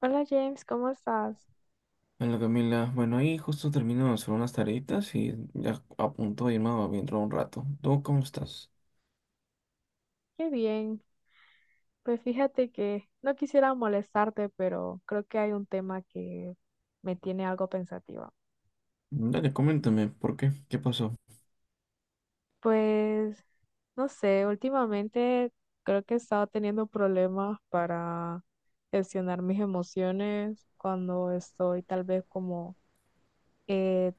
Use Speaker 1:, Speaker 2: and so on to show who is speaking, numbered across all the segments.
Speaker 1: Hola James, ¿cómo estás?
Speaker 2: Hola Camila, bueno ahí justo termino de hacer unas tareitas y ya a punto de irme a dentro de un rato. ¿Tú cómo estás?
Speaker 1: Qué bien. Pues fíjate que no quisiera molestarte, pero creo que hay un tema que me tiene algo pensativa.
Speaker 2: Dale, coméntame, ¿por qué? ¿Qué pasó?
Speaker 1: Pues no sé, últimamente creo que he estado teniendo problemas para gestionar mis emociones cuando estoy tal vez como eh,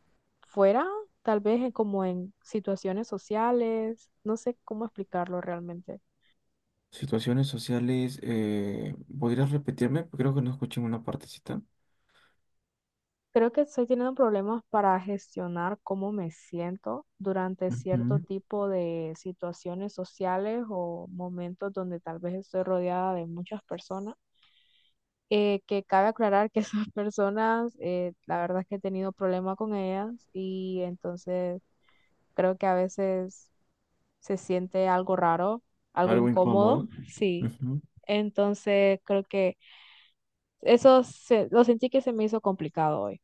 Speaker 1: fuera, tal vez como en situaciones sociales. No sé cómo explicarlo realmente.
Speaker 2: Situaciones sociales, ¿podrías repetirme? Creo que no escuché una partecita.
Speaker 1: Creo que estoy teniendo problemas para gestionar cómo me siento durante cierto
Speaker 2: Ujú.
Speaker 1: tipo de situaciones sociales o momentos donde tal vez estoy rodeada de muchas personas. Que cabe aclarar que esas personas, la verdad es que he tenido problemas con ellas y entonces creo que a veces se siente algo raro, algo
Speaker 2: Algo
Speaker 1: incómodo,
Speaker 2: incómodo.
Speaker 1: sí.
Speaker 2: Ujú.
Speaker 1: Entonces creo que eso lo sentí que se me hizo complicado hoy.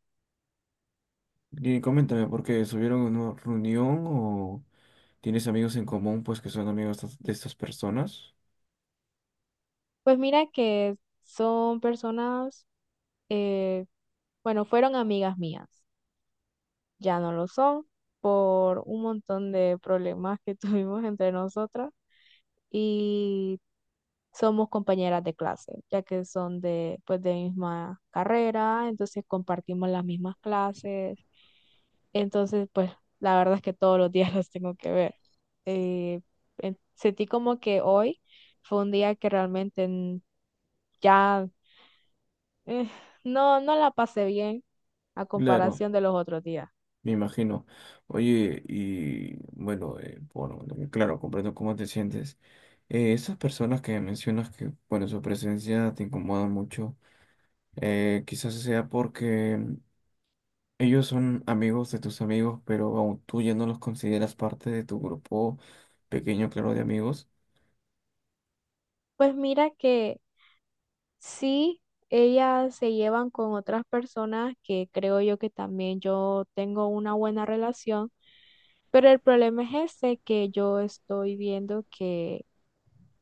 Speaker 2: Y coméntame, ¿por qué subieron a una reunión o tienes amigos en común pues que son amigos de estas personas?
Speaker 1: Pues mira que son personas eh, bueno, fueron amigas mías, ya no lo son por un montón de problemas que tuvimos entre nosotras y somos compañeras de clase, ya que son de, pues, de misma carrera, entonces compartimos las mismas clases, entonces pues la verdad es que todos los días las tengo que ver. Eh, Sentí como que hoy fue un día que realmente ya, eh, no la pasé bien a
Speaker 2: Claro.
Speaker 1: comparación de los otros días.
Speaker 2: Me imagino. Oye, y bueno, bueno, claro, comprendo cómo te sientes. Esas personas que mencionas que, bueno, su presencia te incomoda mucho, quizás sea porque ellos son amigos de tus amigos, pero aún tú ya no los consideras parte de tu grupo pequeño, claro, de amigos.
Speaker 1: Pues mira que sí, ellas se llevan con otras personas que creo yo que también yo tengo una buena relación, pero el problema es ese que yo estoy viendo que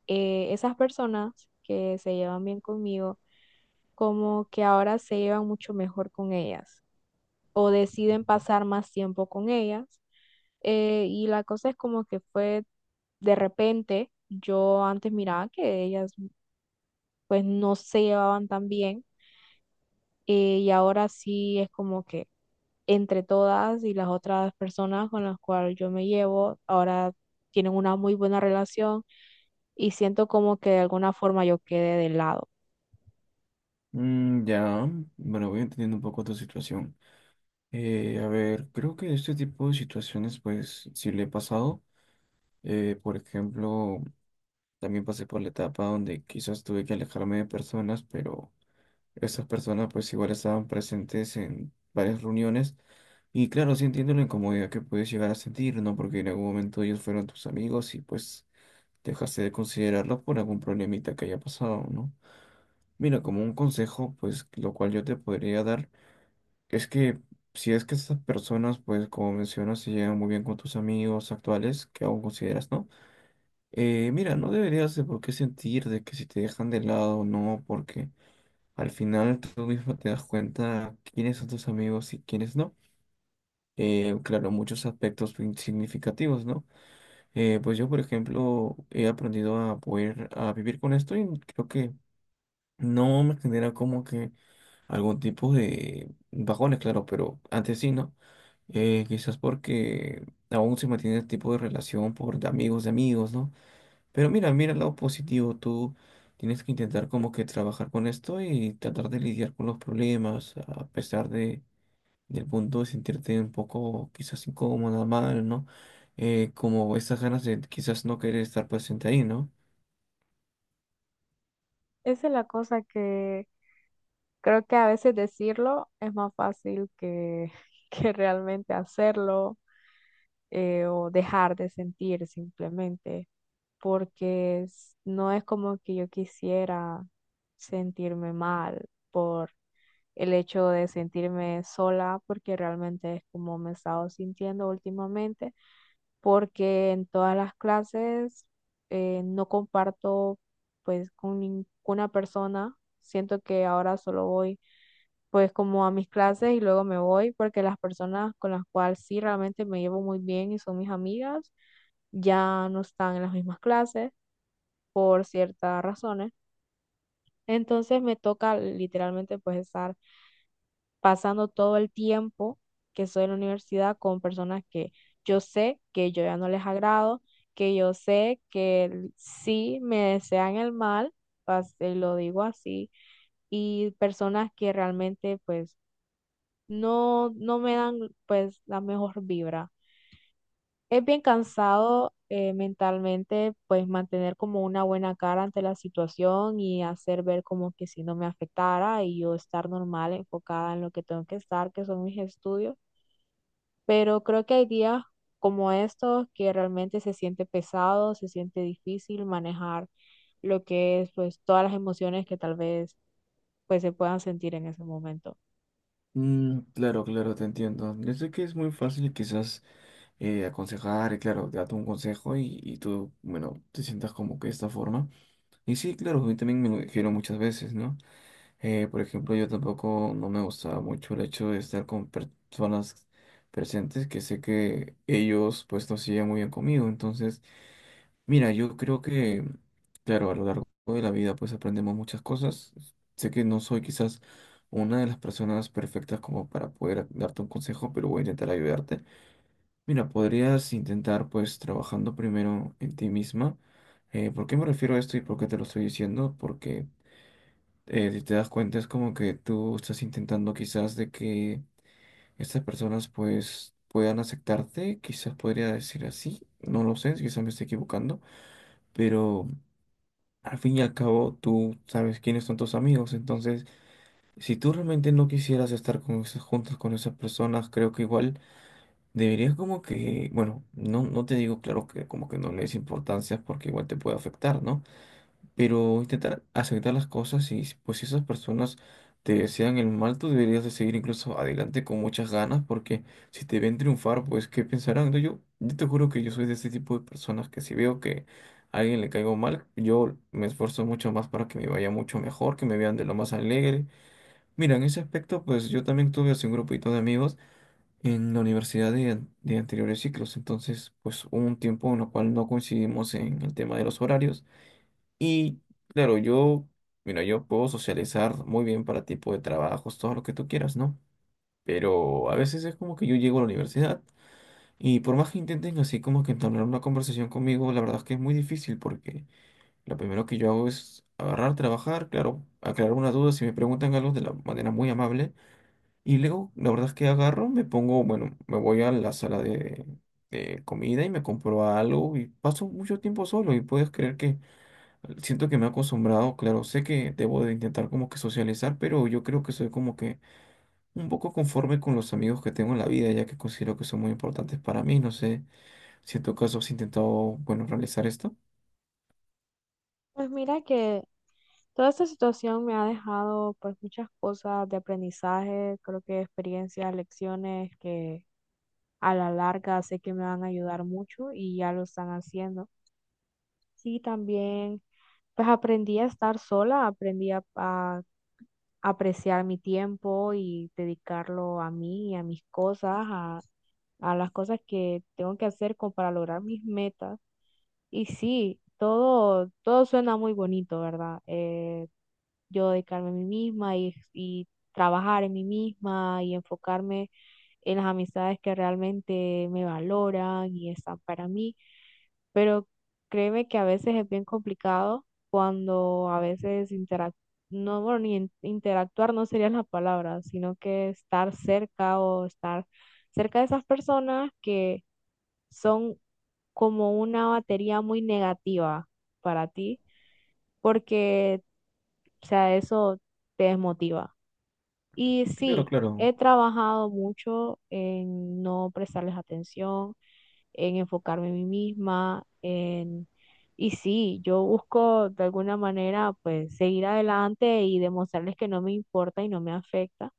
Speaker 1: esas personas que se llevan bien conmigo, como que ahora se llevan mucho mejor con ellas o deciden pasar más tiempo con ellas. Y la cosa es como que fue de repente, yo antes miraba que ellas pues no se llevaban tan bien, y ahora sí es como que entre todas y las otras personas con las cuales yo me llevo, ahora tienen una muy buena relación y siento como que de alguna forma yo quedé de lado.
Speaker 2: Ya, bueno, voy entendiendo un poco tu situación. A ver, creo que este tipo de situaciones, pues, sí le he pasado. Por ejemplo, también pasé por la etapa donde quizás tuve que alejarme de personas, pero esas personas pues igual estaban presentes en varias reuniones. Y claro, sí entiendo la incomodidad que puedes llegar a sentir, ¿no? Porque en algún momento ellos fueron tus amigos y pues dejaste de considerarlos por algún problemita que haya pasado, ¿no? Mira, como un consejo, pues lo cual yo te podría dar es que si es que esas personas, pues como mencionas, se llevan muy bien con tus amigos actuales, que aún consideras, ¿no? Mira, no deberías de por qué sentir de que si te dejan de lado o no, porque al final tú mismo te das cuenta quiénes son tus amigos y quiénes no. Claro, muchos aspectos significativos, ¿no? Pues yo, por ejemplo, he aprendido a poder a vivir con esto y creo que no me genera como que algún tipo de bajones, claro, pero antes sí, ¿no? Quizás porque aún se mantiene el tipo de relación por de amigos, ¿no? Pero mira, mira el lado positivo, tú tienes que intentar como que trabajar con esto y tratar de lidiar con los problemas, a pesar de, del punto de sentirte un poco quizás incómoda, mal, ¿no? Como esas ganas de quizás no querer estar presente ahí, ¿no?
Speaker 1: Esa es la cosa que creo que a veces decirlo es más fácil que, que realmente hacerlo, o dejar de sentir simplemente, porque no es como que yo quisiera sentirme mal por el hecho de sentirme sola, porque realmente es como me he estado sintiendo últimamente, porque en todas las clases no comparto pues con ninguna persona. Siento que ahora solo voy pues como a mis clases y luego me voy porque las personas con las cuales sí realmente me llevo muy bien y son mis amigas ya no están en las mismas clases por ciertas razones. Entonces me toca literalmente pues estar pasando todo el tiempo que soy en la universidad con personas que yo sé que yo ya no les agrado, que yo sé que sí me desean el mal, lo digo así, y personas que realmente pues no me dan pues la mejor vibra. Es bien cansado, mentalmente pues mantener como una buena cara ante la situación y hacer ver como que si no me afectara y yo estar normal, enfocada en lo que tengo que estar, que son mis estudios, pero creo que hay días como estos que realmente se siente pesado, se siente difícil manejar lo que es pues todas las emociones que tal vez pues se puedan sentir en ese momento.
Speaker 2: Claro, claro, te entiendo. Yo sé que es muy fácil quizás aconsejar, y claro, darte un consejo y tú, bueno, te sientas como que de esta forma. Y sí, claro, a mí también me lo dijeron muchas veces, ¿no? Por ejemplo, yo tampoco no me gustaba mucho el hecho de estar con personas presentes que sé que ellos pues no se llevan muy bien conmigo. Entonces, mira, yo creo que, claro, a lo largo de la vida pues aprendemos muchas cosas. Sé que no soy quizás una de las personas perfectas como para poder darte un consejo, pero voy a intentar ayudarte. Mira, podrías intentar pues trabajando primero en ti misma. ¿Por qué me refiero a esto y por qué te lo estoy diciendo? Porque si te das cuenta, es como que tú estás intentando quizás de que estas personas pues puedan aceptarte, quizás podría decir así, no lo sé, quizás me estoy equivocando, pero al fin y al cabo tú sabes quiénes son tus amigos, entonces si tú realmente no quisieras estar con esas juntas con esas personas, creo que igual deberías como que, bueno, no, no te digo claro que como que no le des importancia porque igual te puede afectar, ¿no? Pero intentar aceptar las cosas y pues si esas personas te desean el mal, tú deberías de seguir incluso adelante con muchas ganas porque si te ven triunfar, pues ¿qué pensarán? No, yo te juro que yo soy de este tipo de personas que si veo que a alguien le caigo mal, yo me esfuerzo mucho más para que me vaya mucho mejor, que me vean de lo más alegre. Mira, en ese aspecto, pues yo también tuve así un grupito de amigos en la universidad de anteriores ciclos, entonces pues hubo un tiempo en el cual no coincidimos en el tema de los horarios. Y claro, yo, mira, yo puedo socializar muy bien para tipo de trabajos, todo lo que tú quieras, ¿no? Pero a veces es como que yo llego a la universidad y por más que intenten así como que entablar una conversación conmigo, la verdad es que es muy difícil porque lo primero que yo hago es agarrar, trabajar, claro, aclarar una duda si me preguntan algo de la manera muy amable y luego la verdad es que agarro, me pongo, bueno, me voy a la sala de comida y me compro algo y paso mucho tiempo solo y puedes creer que. Siento que me he acostumbrado, claro, sé que debo de intentar como que socializar, pero yo creo que soy como que un poco conforme con los amigos que tengo en la vida, ya que considero que son muy importantes para mí, no sé si en tu caso has intentado, bueno, realizar esto.
Speaker 1: Pues mira que toda esta situación me ha dejado pues muchas cosas de aprendizaje, creo que experiencias, lecciones que a la larga sé que me van a ayudar mucho y ya lo están haciendo. Sí, también pues aprendí a estar sola, aprendí a apreciar mi tiempo y dedicarlo a mí y a mis cosas, a las cosas que tengo que hacer como para lograr mis metas. Y sí, todo, todo suena muy bonito, ¿verdad? Yo dedicarme a mí misma y trabajar en mí misma y enfocarme en las amistades que realmente me valoran y están para mí, pero créeme que a veces es bien complicado cuando a veces interac no, bueno, ni interactuar no sería la palabra, sino que estar cerca o estar cerca de esas personas que son como una batería muy negativa para ti, porque, o sea, eso te desmotiva. Y
Speaker 2: Claro,
Speaker 1: sí,
Speaker 2: claro,
Speaker 1: he trabajado mucho en no prestarles atención, en enfocarme en mí misma, en... Y sí, yo busco de alguna manera pues seguir adelante y demostrarles que no me importa y no me afecta,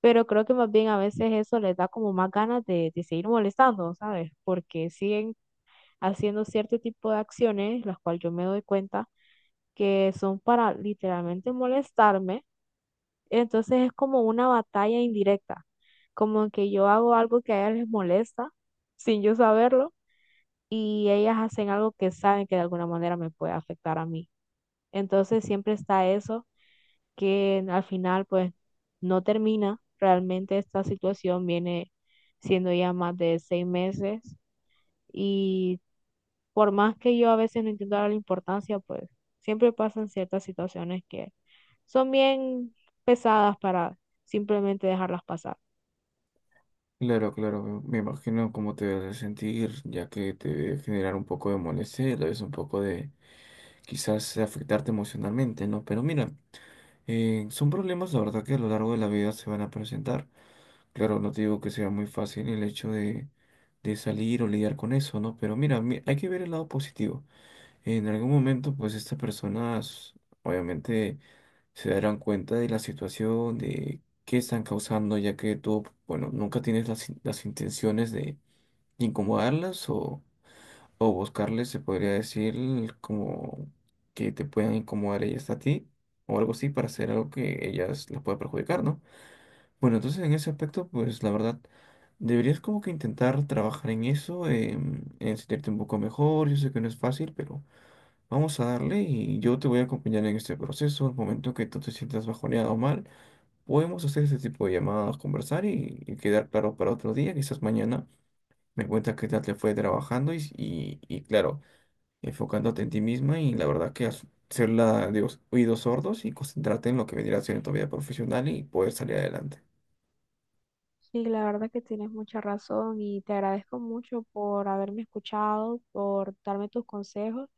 Speaker 1: pero creo que más bien a veces eso les da como más ganas de seguir molestando, ¿sabes? Porque siguen haciendo cierto tipo de acciones, las cuales yo me doy cuenta que son para literalmente molestarme, entonces es como una batalla indirecta, como que yo hago algo que a ellas les molesta sin yo saberlo y ellas hacen algo que saben que de alguna manera me puede afectar a mí. Entonces siempre está eso que al final pues no termina. Realmente esta situación viene siendo ya más de 6 meses y por más que yo a veces no intento darle importancia, pues siempre pasan ciertas situaciones que son bien pesadas para simplemente dejarlas pasar.
Speaker 2: claro, claro, me imagino cómo te debes de sentir, ya que te debe generar un poco de molestia, y a la vez un poco de quizás afectarte emocionalmente, ¿no? Pero mira. Son problemas, la verdad, que a lo largo de la vida se van a presentar. Claro, no te digo que sea muy fácil el hecho de salir o lidiar con eso, ¿no? Pero mira, hay que ver el lado positivo. En algún momento, pues estas personas obviamente se darán cuenta de la situación, de qué están causando, ya que tú, bueno, nunca tienes las intenciones de incomodarlas o buscarle, se podría decir como que te puedan incomodar ellas a ti o algo así para hacer algo que ellas las pueda perjudicar, ¿no? Bueno, entonces en ese aspecto, pues la verdad, deberías como que intentar trabajar en eso, en sentirte un poco mejor. Yo sé que no es fácil, pero vamos a darle y yo te voy a acompañar en este proceso. Al momento que tú te sientas bajoneado o mal, podemos hacer ese tipo de llamadas, conversar y quedar claro para otro día, quizás mañana. Me cuentas qué tal te fue trabajando y claro enfocándote en ti misma y la verdad que ser la de los oídos sordos y concentrarte en lo que vendría a ser en tu vida profesional y poder salir adelante.
Speaker 1: Sí, la verdad que tienes mucha razón y te agradezco mucho por haberme escuchado, por darme tus consejos,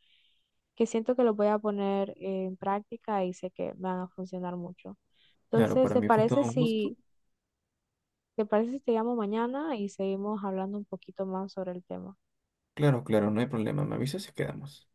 Speaker 1: que siento que los voy a poner en práctica y sé que me van a funcionar mucho.
Speaker 2: Claro,
Speaker 1: Entonces,
Speaker 2: para
Speaker 1: ¿te
Speaker 2: mí fue todo
Speaker 1: parece
Speaker 2: un gusto.
Speaker 1: si, te parece si te llamo mañana y seguimos hablando un poquito más sobre el tema?
Speaker 2: Claro, claro, no hay problema. Me avisas y quedamos.